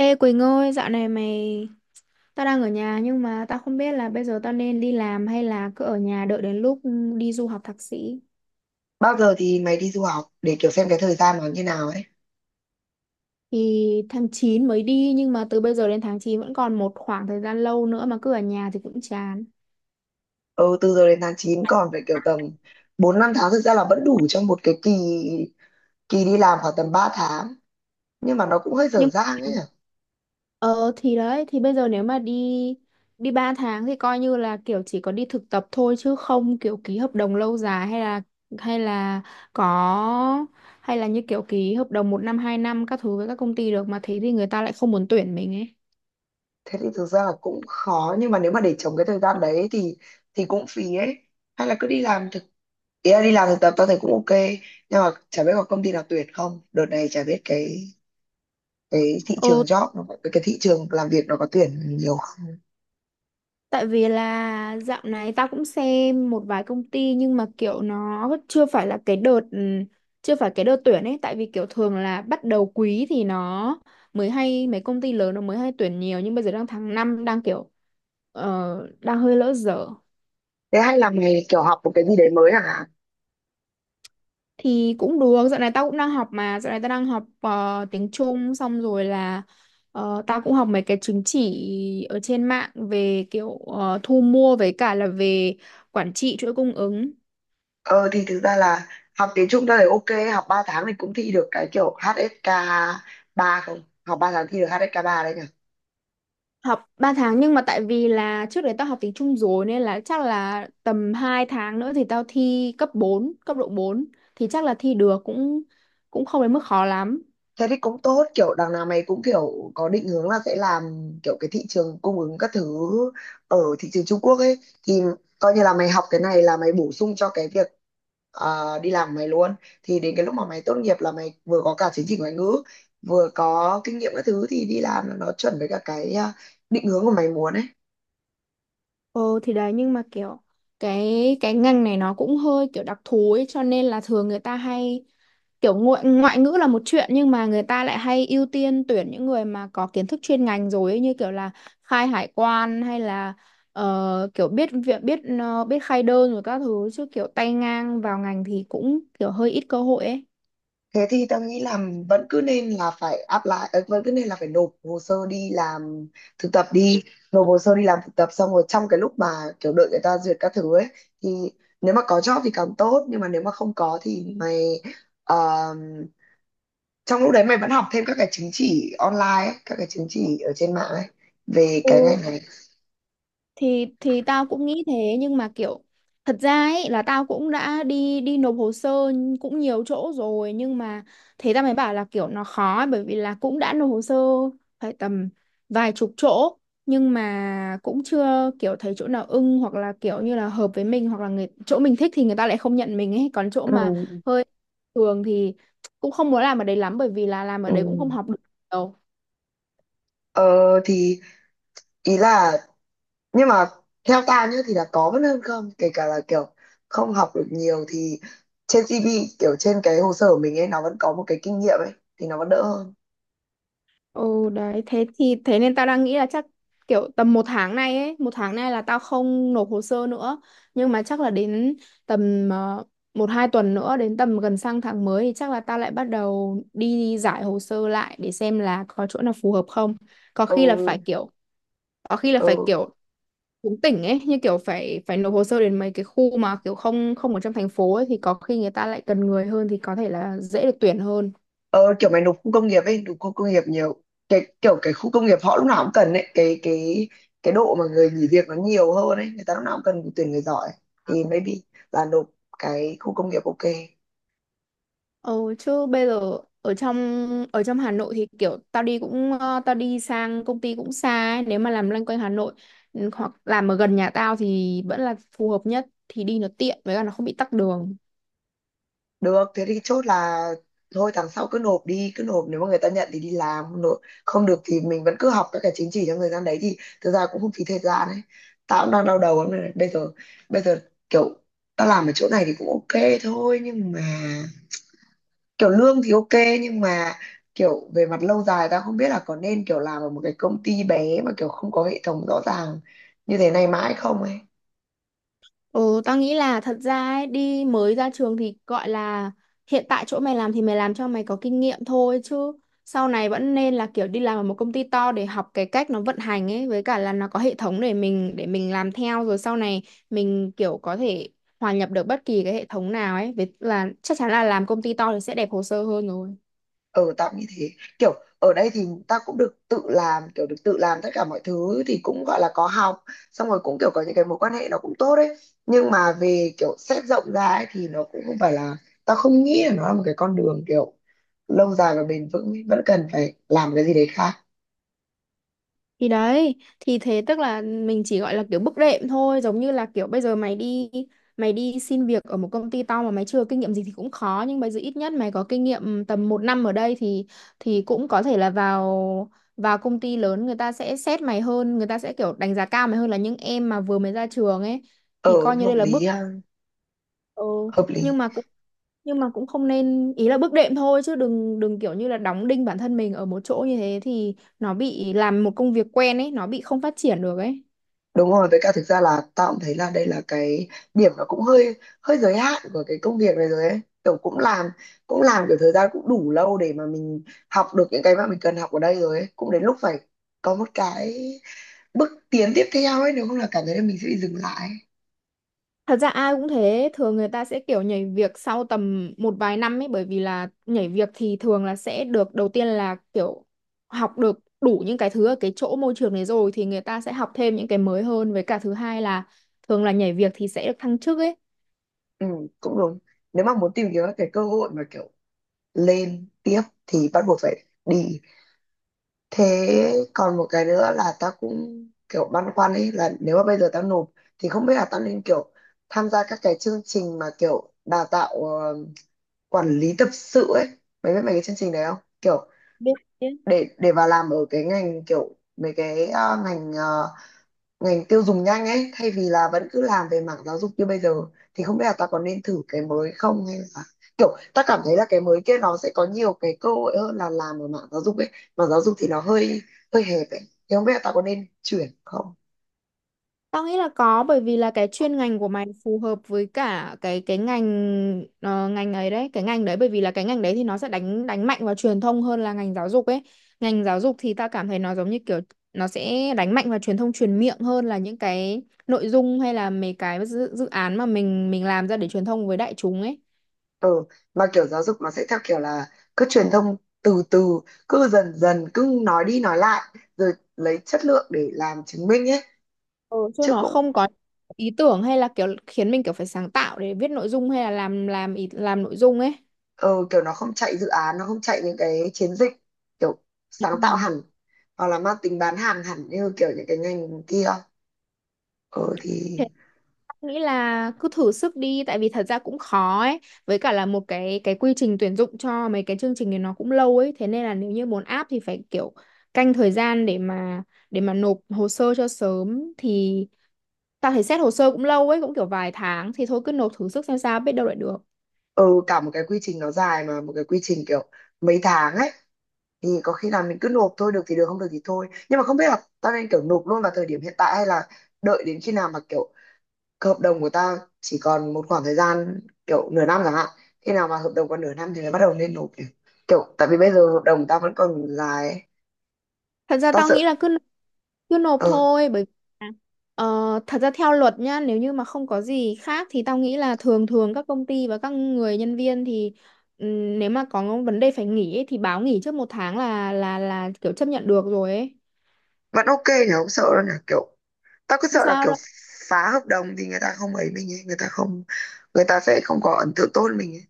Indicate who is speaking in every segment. Speaker 1: Ê Quỳnh ơi, tao đang ở nhà nhưng mà tao không biết là bây giờ tao nên đi làm hay là cứ ở nhà đợi đến lúc đi du học thạc sĩ.
Speaker 2: Bao giờ thì mày đi du học để kiểu xem cái thời gian nó như nào ấy?
Speaker 1: Thì tháng 9 mới đi nhưng mà từ bây giờ đến tháng 9 vẫn còn một khoảng thời gian lâu nữa mà cứ ở nhà thì cũng chán.
Speaker 2: Ừ, từ giờ đến tháng 9 còn phải kiểu tầm 4 5 tháng, thực ra là vẫn đủ cho một cái kỳ kỳ đi làm khoảng tầm 3 tháng. Nhưng mà nó cũng hơi dở
Speaker 1: Nhưng
Speaker 2: dang ấy nhỉ.
Speaker 1: Ờ thì đấy, thì bây giờ nếu mà đi đi 3 tháng thì coi như là kiểu chỉ có đi thực tập thôi chứ không kiểu ký hợp đồng lâu dài hay là có hay là như kiểu ký hợp đồng 1 năm 2 năm các thứ với các công ty được mà thế thì người ta lại không muốn tuyển mình ấy.
Speaker 2: Thế thì thực ra là cũng khó, nhưng mà nếu mà để trống cái thời gian đấy thì cũng phí ấy. Hay là cứ đi làm ý là đi làm thực tập tao thấy cũng ok, nhưng mà chả biết có công ty nào tuyển không. Đợt này chả biết cái thị trường
Speaker 1: Ừ.
Speaker 2: job nó cái thị trường làm việc nó có tuyển nhiều không.
Speaker 1: Tại vì là dạo này tao cũng xem một vài công ty nhưng mà kiểu nó chưa phải là cái đợt chưa phải cái đợt tuyển ấy, tại vì kiểu thường là bắt đầu quý thì nó mới hay, mấy công ty lớn nó mới hay tuyển nhiều, nhưng bây giờ đang tháng 5 đang đang hơi lỡ dở.
Speaker 2: Thế hay là mày kiểu học một cái gì đấy mới hả?
Speaker 1: Thì cũng được, dạo này tao cũng đang học mà, dạo này tao đang học tiếng Trung, xong rồi là tao cũng học mấy cái chứng chỉ ở trên mạng về kiểu thu mua với cả là về quản trị chuỗi cung ứng.
Speaker 2: Ờ thì thực ra là học tiếng Trung tôi thấy ok, học 3 tháng thì cũng thi được cái kiểu HSK ba, không học 3 tháng thi được HSK 3 đấy nhỉ.
Speaker 1: Học 3 tháng nhưng mà tại vì là trước đấy tao học tiếng Trung rồi nên là chắc là tầm 2 tháng nữa thì tao thi cấp độ 4, thì chắc là thi được, cũng cũng không đến mức khó lắm.
Speaker 2: Thế thì cũng tốt, kiểu đằng nào mày cũng kiểu có định hướng là sẽ làm kiểu cái thị trường cung ứng các thứ ở thị trường Trung Quốc ấy, thì coi như là mày học cái này là mày bổ sung cho cái việc đi làm của mày luôn. Thì đến cái lúc mà mày tốt nghiệp là mày vừa có cả chứng chỉ ngoại ngữ, vừa có kinh nghiệm các thứ, thì đi làm là nó chuẩn với cả cái định hướng của mày muốn ấy.
Speaker 1: Ừ thì đấy, nhưng mà kiểu cái ngành này nó cũng hơi kiểu đặc thù ấy, cho nên là thường người ta hay kiểu ngoại ngữ là một chuyện, nhưng mà người ta lại hay ưu tiên tuyển những người mà có kiến thức chuyên ngành rồi ấy, như kiểu là khai hải quan hay là kiểu biết việc, biết khai đơn rồi các thứ, chứ kiểu tay ngang vào ngành thì cũng kiểu hơi ít cơ hội ấy.
Speaker 2: Thế thì tao nghĩ là vẫn cứ nên là phải apply, vẫn cứ nên là phải nộp hồ sơ đi làm thực tập đi, nộp hồ sơ đi làm thực tập xong rồi trong cái lúc mà kiểu đợi người ta duyệt các thứ ấy thì nếu mà có job thì càng tốt, nhưng mà nếu mà không có thì mày ờ, trong lúc đấy mày vẫn học thêm các cái chứng chỉ online ấy, các cái chứng chỉ ở trên mạng ấy về cái
Speaker 1: Ừ,
Speaker 2: ngành này.
Speaker 1: thì tao cũng nghĩ thế, nhưng mà kiểu thật ra ấy là tao cũng đã đi đi nộp hồ sơ cũng nhiều chỗ rồi, nhưng mà thế tao mới bảo là kiểu nó khó ấy, bởi vì là cũng đã nộp hồ sơ phải tầm vài chục chỗ nhưng mà cũng chưa kiểu thấy chỗ nào ưng, hoặc là kiểu như là hợp với mình, hoặc là người chỗ mình thích thì người ta lại không nhận mình ấy. Còn chỗ mà
Speaker 2: Ừ.
Speaker 1: hơi thường thì cũng không muốn làm ở đấy lắm, bởi vì là làm ở
Speaker 2: Ừ.
Speaker 1: đấy cũng không học được nhiều.
Speaker 2: Ờ thì ý là Nhưng mà theo ta nhá thì là có vẫn hơn không, kể cả là kiểu không học được nhiều thì trên CV, kiểu trên cái hồ sơ của mình ấy, nó vẫn có một cái kinh nghiệm ấy, thì nó vẫn đỡ hơn.
Speaker 1: Ừ đấy, thế thì thế nên tao đang nghĩ là chắc kiểu tầm 1 tháng này là tao không nộp hồ sơ nữa, nhưng mà chắc là đến tầm 1 2 tuần nữa, đến tầm gần sang tháng mới thì chắc là tao lại bắt đầu đi giải hồ sơ lại để xem là có chỗ nào phù hợp không. có khi là
Speaker 2: Ừ.
Speaker 1: phải kiểu có khi là phải
Speaker 2: Ừ.
Speaker 1: kiểu cũng tỉnh ấy, như kiểu phải phải nộp hồ sơ đến mấy cái khu mà kiểu không không ở trong thành phố ấy, thì có khi người ta lại cần người hơn thì có thể là dễ được tuyển hơn.
Speaker 2: Ừ, kiểu mày nộp khu công nghiệp ấy, nộp khu công nghiệp nhiều. Cái kiểu cái khu công nghiệp họ lúc nào cũng cần ấy, cái cái độ mà người nghỉ việc nó nhiều hơn ấy, người ta lúc nào cũng cần tuyển người giỏi, thì maybe là nộp cái khu công nghiệp ok.
Speaker 1: Ừ, chứ bây giờ ở trong Hà Nội thì kiểu tao đi sang công ty cũng xa ấy. Nếu mà làm loanh quanh Hà Nội, ừ, hoặc làm ở gần nhà tao thì vẫn là phù hợp nhất, thì đi nó tiện với cả nó không bị tắc đường.
Speaker 2: Được, thế thì chốt là thôi tháng sau cứ nộp đi, cứ nộp, nếu mà người ta nhận thì đi làm, không nộp không được thì mình vẫn cứ học các cái chứng chỉ trong thời gian đấy thì thực ra cũng không phí thời gian ấy. Tao cũng đang đau đầu lắm này. Bây giờ kiểu tao làm ở chỗ này thì cũng ok thôi, nhưng mà kiểu lương thì ok, nhưng mà kiểu về mặt lâu dài tao không biết là có nên kiểu làm ở một cái công ty bé mà kiểu không có hệ thống rõ ràng như thế này mãi không ấy.
Speaker 1: Ừ, tao nghĩ là thật ra ấy, đi mới ra trường thì gọi là hiện tại chỗ mày làm thì mày làm cho mày có kinh nghiệm thôi, chứ sau này vẫn nên là kiểu đi làm ở một công ty to để học cái cách nó vận hành ấy, với cả là nó có hệ thống để mình làm theo, rồi sau này mình kiểu có thể hòa nhập được bất kỳ cái hệ thống nào ấy, với là chắc chắn là làm công ty to thì sẽ đẹp hồ sơ hơn rồi.
Speaker 2: Ừ tạm như thế, kiểu ở đây thì ta cũng được tự làm, kiểu được tự làm tất cả mọi thứ thì cũng gọi là có học, xong rồi cũng kiểu có những cái mối quan hệ nó cũng tốt đấy, nhưng mà về kiểu xét rộng ra ấy, thì nó cũng không phải là không nghĩ là nó là một cái con đường kiểu lâu dài và bền vững ấy. Vẫn cần phải làm cái gì đấy khác.
Speaker 1: Thì đấy, thì thế tức là mình chỉ gọi là kiểu bước đệm thôi, giống như là kiểu bây giờ mày đi xin việc ở một công ty to mà mày chưa kinh nghiệm gì thì cũng khó, nhưng bây giờ ít nhất mày có kinh nghiệm tầm 1 năm ở đây thì cũng có thể là vào vào công ty lớn người ta sẽ xét mày hơn, người ta sẽ kiểu đánh giá cao mày hơn là những em mà vừa mới ra trường ấy. Thì
Speaker 2: Ờ,
Speaker 1: coi như
Speaker 2: hợp
Speaker 1: đây là
Speaker 2: lý
Speaker 1: bước.
Speaker 2: ha.
Speaker 1: Ừ.
Speaker 2: Hợp lý.
Speaker 1: nhưng mà cũng nhưng mà cũng không nên, ý là bước đệm thôi chứ đừng đừng kiểu như là đóng đinh bản thân mình ở một chỗ như thế, thì nó bị làm một công việc quen ấy, nó bị không phát triển được ấy.
Speaker 2: Đúng rồi, với cả thực ra là tao cũng thấy là đây là cái điểm nó cũng hơi hơi giới hạn của cái công việc này rồi ấy. Kiểu cũng làm kiểu thời gian cũng đủ lâu để mà mình học được những cái mà mình cần học ở đây rồi ấy. Cũng đến lúc phải có một cái bước tiến tiếp theo ấy, nếu không là cảm thấy là mình sẽ bị dừng lại ấy.
Speaker 1: Thật ra ai cũng thế, thường người ta sẽ kiểu nhảy việc sau tầm một vài năm ấy, bởi vì là nhảy việc thì thường là sẽ được, đầu tiên là kiểu học được đủ những cái thứ ở cái chỗ môi trường đấy rồi thì người ta sẽ học thêm những cái mới hơn, với cả thứ hai là thường là nhảy việc thì sẽ được thăng chức ấy.
Speaker 2: Ừ, cũng đúng. Nếu mà muốn tìm kiếm các cái cơ hội mà kiểu lên tiếp thì bắt buộc phải đi. Thế còn một cái nữa là tao cũng kiểu băn khoăn ấy, là nếu mà bây giờ tao nộp thì không biết là tao nên kiểu tham gia các cái chương trình mà kiểu đào tạo quản lý tập sự ấy. Mày biết mấy cái chương trình đấy không? Kiểu
Speaker 1: Biết.
Speaker 2: để vào làm ở cái ngành kiểu mấy cái ngành ngành tiêu dùng nhanh ấy, thay vì là vẫn cứ làm về mảng giáo dục như bây giờ, thì không biết là ta có nên thử cái mới không, hay là kiểu ta cảm thấy là cái mới kia nó sẽ có nhiều cái cơ hội hơn là làm ở mảng giáo dục ấy. Mà giáo dục thì nó hơi hơi hẹp ấy, thì không biết là ta có nên chuyển không.
Speaker 1: Tao nghĩ là có, bởi vì là cái chuyên ngành của mày phù hợp với cả cái ngành ngành ấy đấy, cái ngành đấy bởi vì là cái ngành đấy thì nó sẽ đánh đánh mạnh vào truyền thông hơn là ngành giáo dục ấy. Ngành giáo dục thì tao cảm thấy nó giống như kiểu nó sẽ đánh mạnh vào truyền thông truyền miệng hơn là những cái nội dung, hay là mấy cái dự án mà mình làm ra để truyền thông với đại chúng ấy.
Speaker 2: Ừ, mà kiểu giáo dục nó sẽ theo kiểu là cứ truyền thông từ từ, cứ dần dần, cứ nói đi nói lại rồi lấy chất lượng để làm chứng minh ấy,
Speaker 1: Ừ, chứ
Speaker 2: chứ
Speaker 1: nó
Speaker 2: cũng
Speaker 1: không có ý tưởng, hay là kiểu khiến mình kiểu phải sáng tạo để viết nội dung, hay là làm nội dung ấy.
Speaker 2: ừ, kiểu nó không chạy dự án, nó không chạy những cái chiến dịch kiểu
Speaker 1: Ừ.
Speaker 2: sáng tạo hẳn, hoặc là mang tính bán hàng hẳn như kiểu những cái ngành kia. Ừ thì
Speaker 1: Thế em nghĩ là cứ thử sức đi, tại vì thật ra cũng khó ấy, với cả là một cái quy trình tuyển dụng cho mấy cái chương trình này nó cũng lâu ấy, thế nên là nếu như muốn áp thì phải kiểu canh thời gian để mà nộp hồ sơ cho sớm, thì tao thấy xét hồ sơ cũng lâu ấy, cũng kiểu vài tháng, thì thôi cứ nộp thử sức xem sao, biết đâu lại được.
Speaker 2: Ừ, cả một cái quy trình nó dài, mà một cái quy trình kiểu mấy tháng ấy, thì có khi là mình cứ nộp thôi, được thì được, không được thì thôi, nhưng mà không biết là tao nên kiểu nộp luôn vào thời điểm hiện tại hay là đợi đến khi nào mà kiểu cái hợp đồng của tao chỉ còn một khoảng thời gian kiểu nửa năm chẳng hạn, khi nào mà hợp đồng còn nửa năm thì mới bắt đầu nên nộp nhỉ? Kiểu tại vì bây giờ hợp đồng tao vẫn còn dài ấy.
Speaker 1: Thật ra
Speaker 2: Tao
Speaker 1: tao nghĩ
Speaker 2: sợ.
Speaker 1: là cứ cứ nộp
Speaker 2: Ờ,
Speaker 1: thôi, bởi vì là, ờ, thật ra theo luật nhá, nếu như mà không có gì khác thì tao nghĩ là thường thường các công ty và các người nhân viên thì nếu mà có vấn đề phải nghỉ ấy, thì báo nghỉ trước 1 tháng là kiểu chấp nhận được rồi ấy.
Speaker 2: vẫn ok thì không sợ đâu nhỉ, kiểu tao cứ
Speaker 1: Không
Speaker 2: sợ là
Speaker 1: sao
Speaker 2: kiểu
Speaker 1: đâu.
Speaker 2: phá hợp đồng thì người ta không ấy mình ấy người ta không người ta sẽ không có ấn tượng tốt với mình ấy.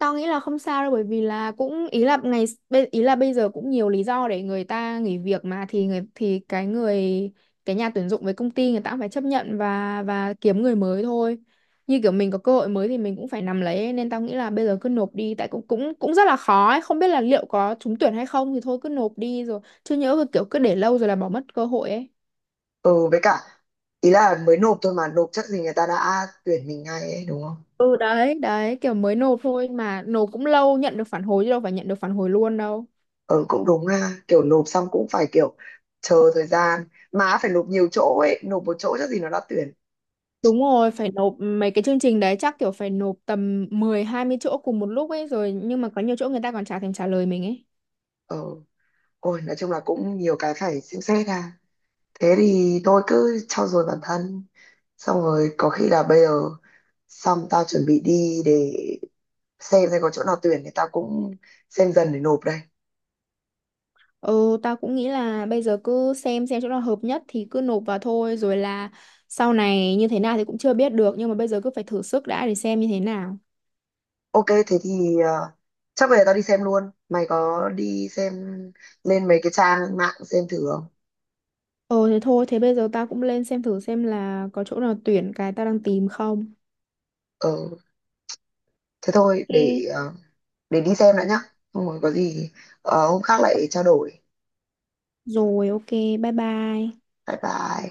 Speaker 1: Tao nghĩ là không sao đâu, bởi vì là cũng, ý là ý là bây giờ cũng nhiều lý do để người ta nghỉ việc mà, thì cái nhà tuyển dụng với công ty, người ta cũng phải chấp nhận và kiếm người mới thôi. Như kiểu mình có cơ hội mới thì mình cũng phải nắm lấy ấy, nên tao nghĩ là bây giờ cứ nộp đi, tại cũng cũng cũng rất là khó ấy, không biết là liệu có trúng tuyển hay không, thì thôi cứ nộp đi rồi, chứ nhỡ kiểu cứ để lâu rồi là bỏ mất cơ hội ấy.
Speaker 2: Ừ, với cả ý là mới nộp thôi, mà nộp chắc gì người ta đã tuyển mình ngay ấy, đúng không?
Speaker 1: Ừ đấy, đấy kiểu mới nộp thôi mà nộp cũng lâu nhận được phản hồi, chứ đâu phải nhận được phản hồi luôn đâu.
Speaker 2: Ừ cũng đúng ha, kiểu nộp xong cũng phải kiểu chờ thời gian, mà phải nộp nhiều chỗ ấy, nộp một chỗ chắc gì nó đã tuyển.
Speaker 1: Đúng rồi, phải nộp mấy cái chương trình đấy chắc kiểu phải nộp tầm 10 20 chỗ cùng một lúc ấy rồi, nhưng mà có nhiều chỗ người ta còn chả thèm trả lời mình ấy.
Speaker 2: Ừ. Ôi nói chung là cũng nhiều cái phải xem xét ha, thế thì tôi cứ trau dồi bản thân, xong rồi có khi là bây giờ xong tao chuẩn bị đi để xem có chỗ nào tuyển thì tao cũng xem dần để nộp đây.
Speaker 1: Ừ, tao cũng nghĩ là bây giờ cứ xem chỗ nào hợp nhất thì cứ nộp vào thôi, rồi là sau này như thế nào thì cũng chưa biết được, nhưng mà bây giờ cứ phải thử sức đã để xem như thế nào.
Speaker 2: Ok thế thì chắc bây giờ tao đi xem luôn, mày có đi xem lên mấy cái trang mạng xem thử không?
Speaker 1: Ừ thế thôi, thế bây giờ tao cũng lên xem thử xem là có chỗ nào tuyển cái tao đang tìm không.
Speaker 2: Ờ thế thôi, để
Speaker 1: Ok.
Speaker 2: để đi xem đã nhá, không rồi có gì hôm khác lại trao đổi.
Speaker 1: Rồi ok, bye bye.
Speaker 2: Bye bye.